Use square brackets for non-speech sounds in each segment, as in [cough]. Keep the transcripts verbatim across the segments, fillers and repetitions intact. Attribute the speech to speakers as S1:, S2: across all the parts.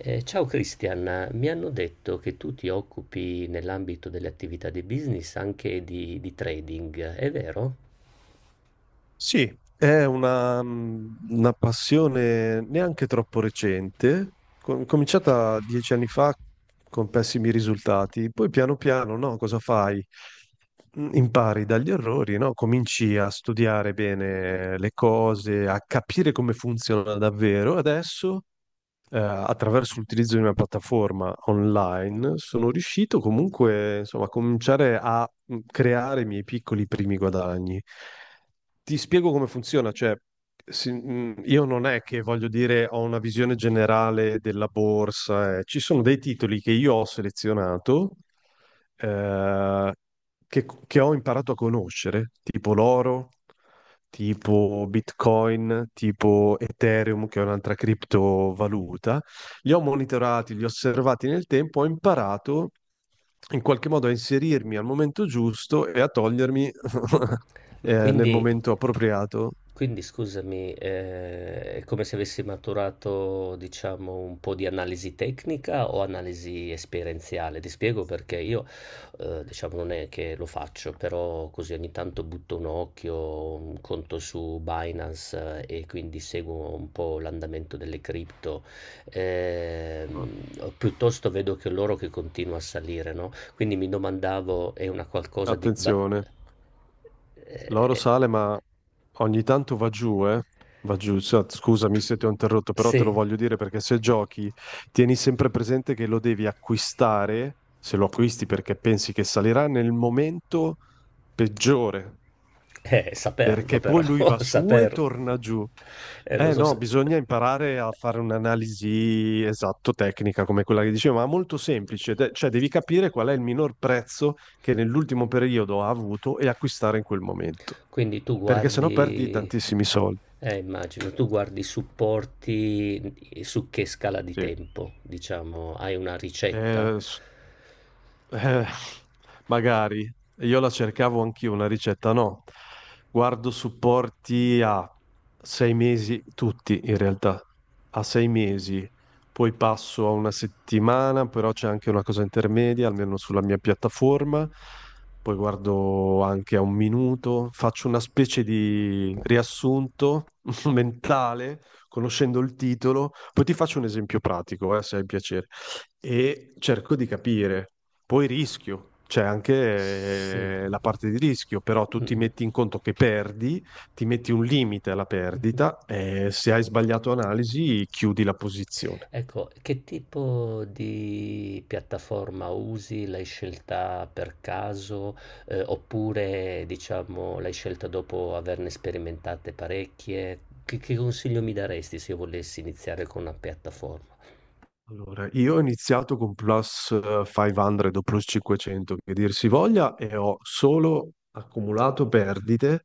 S1: Eh, ciao Christian, mi hanno detto che tu ti occupi nell'ambito delle attività di business anche di, di trading, è vero?
S2: Sì, è una, mh, una passione neanche troppo recente, com- cominciata dieci anni fa con pessimi risultati, poi piano piano, no, cosa fai? Mm, Impari dagli errori, no? Cominci a studiare bene le cose, a capire come funziona davvero. Adesso, eh, attraverso l'utilizzo di una piattaforma online, sono riuscito comunque, insomma, a cominciare a mm, creare i miei piccoli primi guadagni. Ti spiego come funziona, cioè si- mh, io non è che voglio dire ho una visione generale della borsa, eh. Ci sono dei titoli che io ho selezionato, eh, che, che ho imparato a conoscere, tipo l'oro, tipo Bitcoin, tipo Ethereum, che è un'altra criptovaluta. Li ho monitorati, li ho osservati nel tempo, ho imparato in qualche modo a inserirmi al momento giusto e a togliermi
S1: Ma
S2: eh, nel
S1: quindi
S2: momento appropriato.
S1: quindi scusami, ehm, è come se avessi maturato, diciamo, un po' di analisi tecnica o analisi esperienziale? Ti spiego perché io, ehm, diciamo, non è che lo faccio, però così ogni tanto butto un occhio, un conto su Binance eh, e quindi seguo un po' l'andamento delle cripto, ehm, o piuttosto vedo che l'oro che continua a salire, no, quindi mi domandavo è una qualcosa di ba
S2: Attenzione. L'oro
S1: eh,
S2: sale, ma ogni tanto va giù, eh? Va giù. Sa- Scusami se ti ho interrotto, però te lo
S1: sì,
S2: voglio dire perché se giochi, tieni sempre presente che lo devi acquistare, se lo acquisti perché pensi che salirà, nel momento peggiore,
S1: eh, saperlo
S2: perché
S1: però,
S2: poi lui va
S1: [laughs]
S2: su e
S1: saperlo.
S2: torna giù.
S1: Eh, lo
S2: Eh
S1: so
S2: no,
S1: se-
S2: bisogna imparare a fare un'analisi esatto tecnica come quella che dicevo, ma molto semplice, de- cioè devi capire qual è il minor prezzo che nell'ultimo periodo ha avuto e acquistare in quel momento,
S1: Quindi tu
S2: perché sennò perdi
S1: guardi,
S2: tantissimi soldi.
S1: eh, immagino, tu guardi i supporti su che scala di
S2: Sì.
S1: tempo, diciamo, hai una ricetta?
S2: Eh, s- Eh, magari io la cercavo anch'io, una ricetta no. Guardo supporti a sei mesi, tutti in realtà, a sei mesi, poi passo a una settimana, però c'è anche una cosa intermedia, almeno sulla mia piattaforma, poi guardo anche a un minuto, faccio una specie di riassunto [laughs] mentale, conoscendo il titolo, poi ti faccio un esempio pratico, eh, se hai piacere, e cerco di capire. Poi rischio, c'è anche
S1: Sì.
S2: eh, la parte di rischio, però tu ti
S1: Mm,
S2: metti in conto che perdi, ti metti un limite alla
S1: mm. [laughs]
S2: perdita e se hai sbagliato analisi chiudi la posizione.
S1: Ecco, che tipo di piattaforma usi? L'hai scelta per caso, eh, oppure diciamo l'hai scelta dopo averne sperimentate parecchie? Che, che consiglio mi daresti se io volessi iniziare con una piattaforma?
S2: Allora, io ho iniziato con Plus eh, cinquecento o Plus cinquecento, che dir si voglia, e ho solo accumulato perdite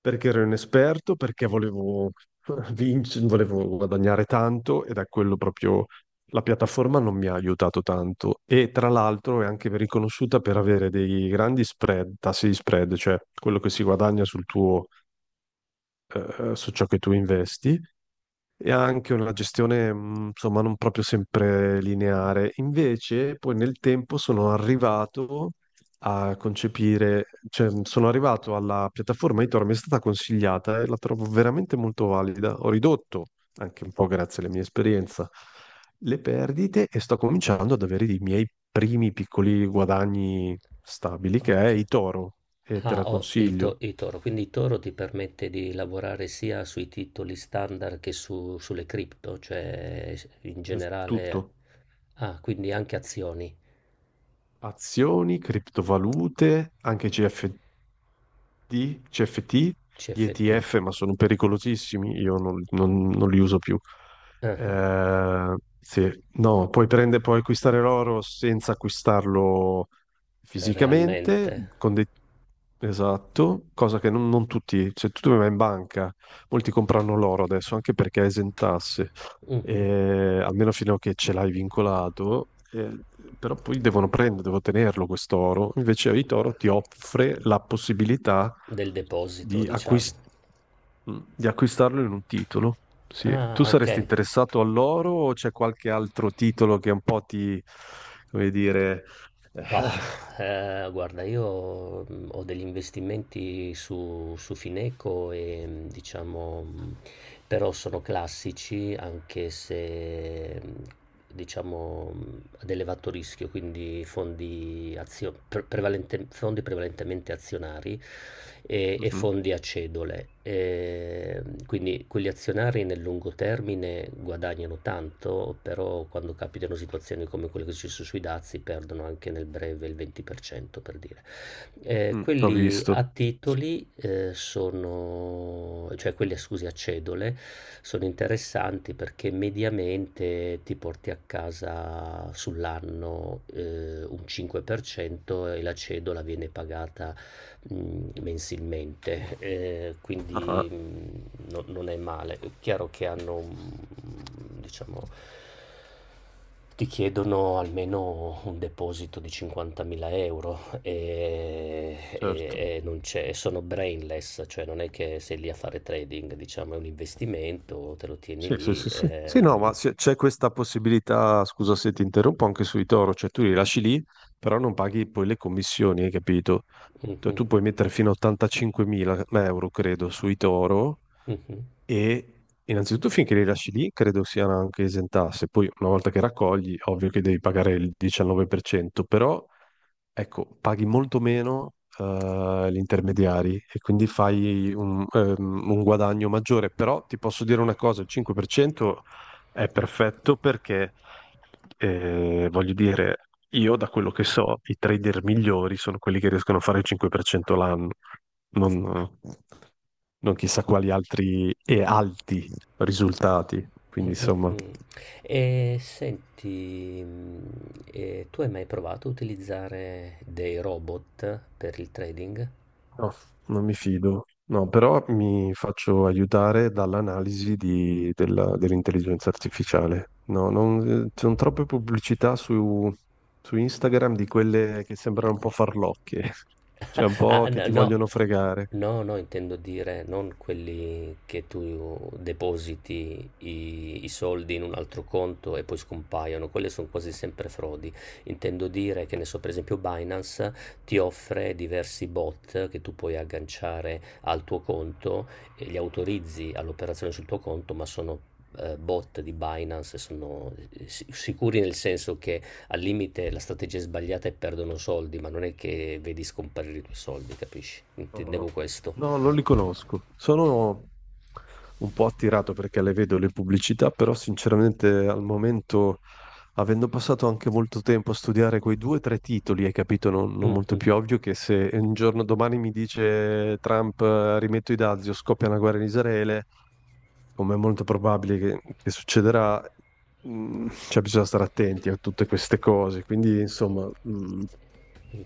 S2: perché ero inesperto, perché volevo [laughs] vincere, volevo guadagnare tanto ed è quello proprio la piattaforma non mi ha aiutato tanto. E tra l'altro è anche riconosciuta per avere dei grandi spread, tassi di spread, cioè quello che si guadagna sul tuo, eh, su ciò che tu investi e anche una gestione, mh, insomma, non proprio sempre lineare. Invece, poi nel tempo sono arrivato a concepire, cioè mh, sono arrivato alla piattaforma Tor, mi è stata consigliata e la trovo veramente molto valida. Ho ridotto, anche un po' grazie alla mia esperienza, le perdite e sto cominciando ad avere i miei primi piccoli guadagni stabili, che è
S1: Ok.
S2: Itoro, e te
S1: Ah,
S2: la
S1: ho i, to-
S2: consiglio.
S1: i Toro, quindi Toro ti permette di lavorare sia sui titoli standard che su- sulle cripto, cioè in
S2: È
S1: generale,
S2: tutto.
S1: ah, quindi anche azioni,
S2: Azioni, criptovalute, anche C F D di C F T, gli
S1: C F T.
S2: E T F, ma sono pericolosissimi, io non, non- non li uso più.
S1: Ah, ah.
S2: Eh, sì, no, puoi prendere, puoi acquistare l'oro senza acquistarlo
S1: Eh,
S2: fisicamente,
S1: realmente?
S2: con dei- Esatto, cosa che non, non tutti, cioè tu vai in banca, molti comprano l'oro adesso anche perché è esentasse,
S1: Mh-mh.
S2: eh, almeno fino a che ce l'hai vincolato, eh, però poi devono prendere, devo tenerlo questo oro. Invece Vitoro ti offre la possibilità
S1: Del deposito,
S2: di,
S1: diciamo.
S2: acquist- mm, di acquistarlo in un titolo. Sì.
S1: Ah,
S2: Tu saresti
S1: okay.
S2: interessato all'oro o c'è qualche altro titolo che un po' ti, come dire...
S1: Boh,
S2: [laughs]
S1: ehm, guarda io, mhmm, ho degli investimenti su su Fineco e, mhmm, diciamo, mhmm, però sono classici anche se, mhmm, diciamo, mhmm, ad elevato rischio, quindi fondi azio pre prevalente fondi prevalentemente azionari. e, e
S2: Mhm,
S1: fondi a cedole. E quindi quegli azionari nel lungo termine guadagnano tanto, però quando capitano situazioni come quelle che ci sono sui dazi perdono anche nel breve il venti per cento per cento, per dire. Eh,
S2: mm, ho
S1: quelli
S2: visto.
S1: a titoli eh, sono, cioè quelli scusi, a cedole sono interessanti perché mediamente ti porti a casa sull'anno eh, un cinque per cento e la cedola viene pagata mhmm, mensilmente, ehm, quindi,
S2: Ah,
S1: mhmm, no non è male. È chiaro che hanno, mhmm, diciamo ti chiedono almeno un deposito di cinquantamila €, ehm, e e
S2: certo.
S1: e non c'è e sono brainless, cioè non è che sei lì a fare trading, diciamo, è un investimento, te lo tieni
S2: Sì, sì,
S1: lì,
S2: sì, sì. Sì, no, ma
S1: ehm
S2: c'è c'è questa possibilità, scusa se ti interrompo, anche sui toro, cioè tu li lasci lì, però non paghi poi le commissioni, hai capito? Cioè,
S1: mh-mh,
S2: tu puoi mettere fino a ottantacinquemila euro, credo, sui toro
S1: mh-mh.
S2: e innanzitutto finché li lasci lì, credo siano anche esentasse. Poi una volta che raccogli, ovvio che devi pagare il diciannove per cento, però ecco, paghi molto meno eh, gli intermediari e quindi fai un, ehm, un guadagno maggiore, però ti posso dire una cosa, il cinque per cento è perfetto perché, eh, voglio dire, io da quello che so, i trader migliori sono quelli che riescono a fare il cinque per cento l'anno, non, non chissà quali altri e alti risultati,
S1: Mh,
S2: quindi
S1: mh,
S2: insomma...
S1: mh. E senti, mhmm, e tu hai mai provato a utilizzare dei robot per il trading?
S2: No, non mi fido. No, però mi faccio aiutare dall'analisi di- della- dell'intelligenza artificiale. No, non, eh, ci sono troppe pubblicità su, su Instagram di quelle che sembrano un po' farlocche, [laughs] cioè un
S1: Ah,
S2: po' che
S1: n-
S2: ti
S1: no,
S2: vogliono fregare.
S1: no, no, intendo dire non quelli che tu depositi i, i soldi in un altro conto e poi scompaiono, quelle sono quasi sempre frodi. Intendo dire che ne so, per esempio, Binance ti offre diversi bot che tu puoi agganciare al tuo conto e li autorizzi all'operazione sul tuo conto, ma sono eh, bot di Binance e sono eh, si- sicuri nel senso che al limite la strategia è sbagliata e perdono soldi, ma non è che vedi scomparire i tuoi soldi, capisci?
S2: No,
S1: Intendevo questo.
S2: no, non li conosco. Sono un po' attirato perché le vedo le pubblicità, però sinceramente al momento, avendo passato anche molto tempo a studiare quei due o tre titoli, hai capito, non, non molto
S1: Mhm,
S2: più ovvio che se un giorno domani mi dice Trump eh, rimetto i dazi o scoppia una guerra in Israele, come è molto probabile che, che succederà, mh, cioè bisogna stare attenti a tutte queste cose. Quindi, insomma, mh,
S1: mhm.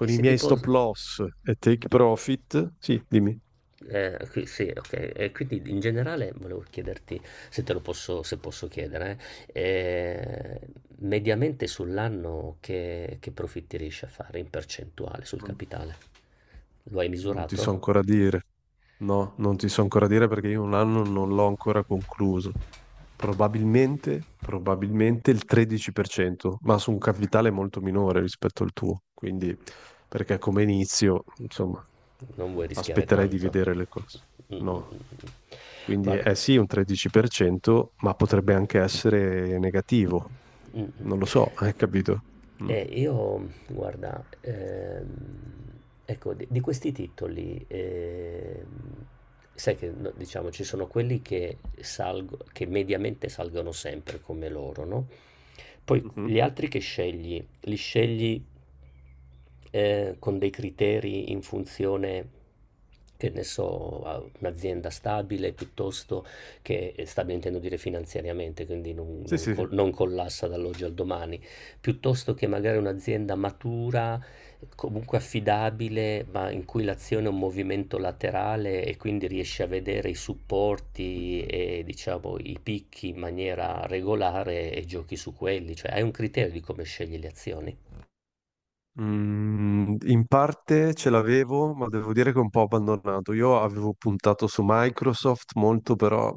S1: E
S2: i
S1: se ti
S2: miei stop
S1: posso...
S2: loss e take profit, sì, dimmi.
S1: eh, qui- sì, ok. E quindi in generale volevo chiederti se te lo posso, se posso chiedere, eh, eh, mediamente sull'anno che, che profitti riesci a fare in percentuale sul
S2: Non,
S1: capitale? Lo hai
S2: non ti so
S1: misurato?
S2: ancora dire. No, non ti so ancora dire perché io un anno non l'ho ancora concluso. Probabilmente, probabilmente il tredici per cento, ma su un capitale molto minore rispetto al tuo. Quindi, perché come inizio, insomma,
S1: Non vuoi rischiare
S2: aspetterei di
S1: tanto.
S2: vedere le cose.
S1: Mm, mm, mm,
S2: No.
S1: mm.
S2: Quindi
S1: Guarda,
S2: è sì un tredici per cento, ma potrebbe anche essere negativo.
S1: mm,
S2: Non lo
S1: mm.
S2: so, [laughs] hai capito? Mm.
S1: Eh, io, guarda, ehm, ecco, di, di questi titoli, ehm, sai che no, diciamo ci sono quelli che salgo, che mediamente salgono sempre come loro, no? Poi gli
S2: Mhm.
S1: altri che scegli, li scegli eh, con dei criteri in funzione, che ne so, a un'azienda stabile piuttosto che stabile intendo dire finanziariamente, quindi non,
S2: Sì,
S1: non
S2: sì, sì.
S1: col- non collassa dall'oggi al domani, piuttosto che magari un'azienda matura, comunque affidabile, ma in cui l'azione è un movimento laterale e quindi riesce a vedere i supporti e diciamo i picchi in maniera regolare e giochi su quelli, cioè hai un criterio di come scegli le azioni.
S2: Mm, in parte ce l'avevo, ma devo dire che è un po' abbandonato. Io avevo puntato su Microsoft molto, però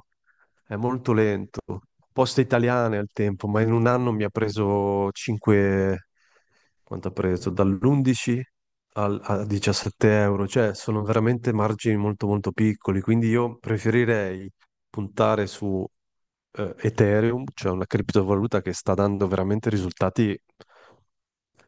S2: è molto lento. Poste italiane al tempo, ma in un anno mi ha preso cinque... Quanto ha preso? Dall'undici al, a diciassette euro. Cioè, sono veramente margini molto molto piccoli, quindi io preferirei puntare su eh, Ethereum, cioè una criptovaluta che sta dando veramente risultati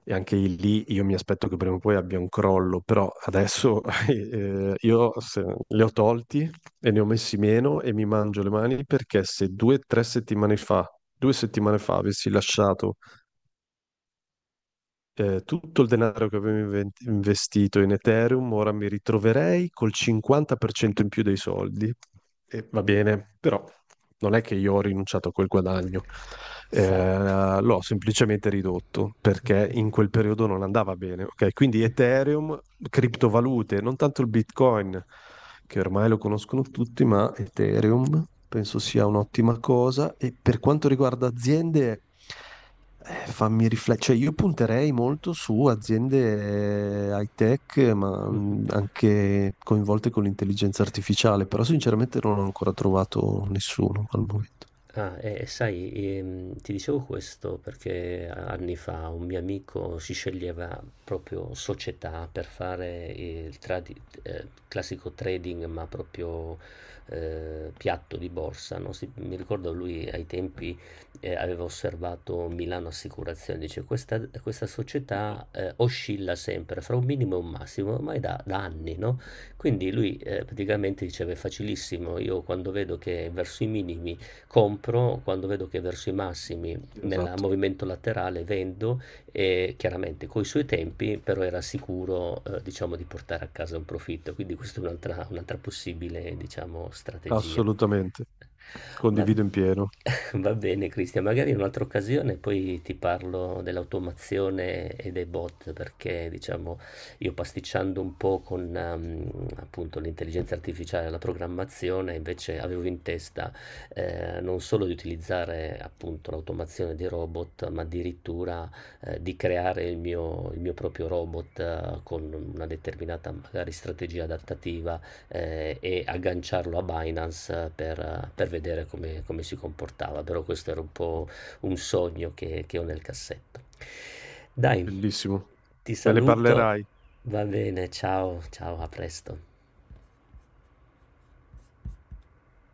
S2: e anche lì io mi aspetto che prima o poi abbia un crollo, però adesso [laughs] eh, io se- li ho tolti e ne ho messi meno e mi mangio le mani perché se due o tre settimane fa, due settimane fa avessi lasciato eh, tutto il denaro che avevo inven- investito in Ethereum, ora mi ritroverei col cinquanta per cento in più dei soldi. E va bene, però non è che io ho rinunciato a quel guadagno,
S1: Sa-
S2: Eh, l'ho semplicemente ridotto perché in quel periodo non andava bene. Ok? Quindi Ethereum, criptovalute, non tanto il Bitcoin, che ormai lo conoscono tutti, ma Ethereum penso sia un'ottima cosa. E per quanto riguarda aziende... Eh, fammi riflettere, cioè io punterei molto su aziende eh, high tech, ma mm, anche coinvolte con l'intelligenza artificiale, però sinceramente non ho ancora trovato nessuno al momento.
S1: Ah, e e sai, ehm, ti dicevo questo perché anni fa un mio amico si sceglieva proprio società per fare il tradi- eh, classico trading, ma proprio eh, piatto di borsa, no? Si- mi ricordo lui ai tempi eh, aveva osservato Milano Assicurazioni, dice questa, questa società eh, oscilla sempre fra un minimo e un massimo, ormai da, da anni, no? Quindi lui eh, praticamente diceva è facilissimo, io quando vedo che verso i minimi compro quando vedo che è verso i massimi
S2: Sì,
S1: nel
S2: esatto,
S1: movimento laterale vendo e chiaramente coi suoi tempi però era sicuro eh, diciamo di portare a casa un profitto quindi questa è un'altra, un'altra possibile diciamo strategia
S2: assolutamente.
S1: Va, [laughs]
S2: Condivido in pieno.
S1: va bene, Cristian, magari in un'altra occasione poi ti parlo dell'automazione e dei bot, perché diciamo io pasticciando un po' con ehm, appunto l'intelligenza artificiale e la programmazione, invece avevo in testa eh, non solo di utilizzare appunto l'automazione dei robot, ma addirittura eh, di creare il mio, il mio proprio robot eh, con una determinata magari strategia adattativa eh, e agganciarlo a Binance per, per vedere come, come si comportava. Però questo era un po' un sogno che, che ho nel cassetto. Dai,
S2: Bellissimo.
S1: ti
S2: Me ne
S1: saluto,
S2: parlerai.
S1: va bene, ciao, ciao, a presto.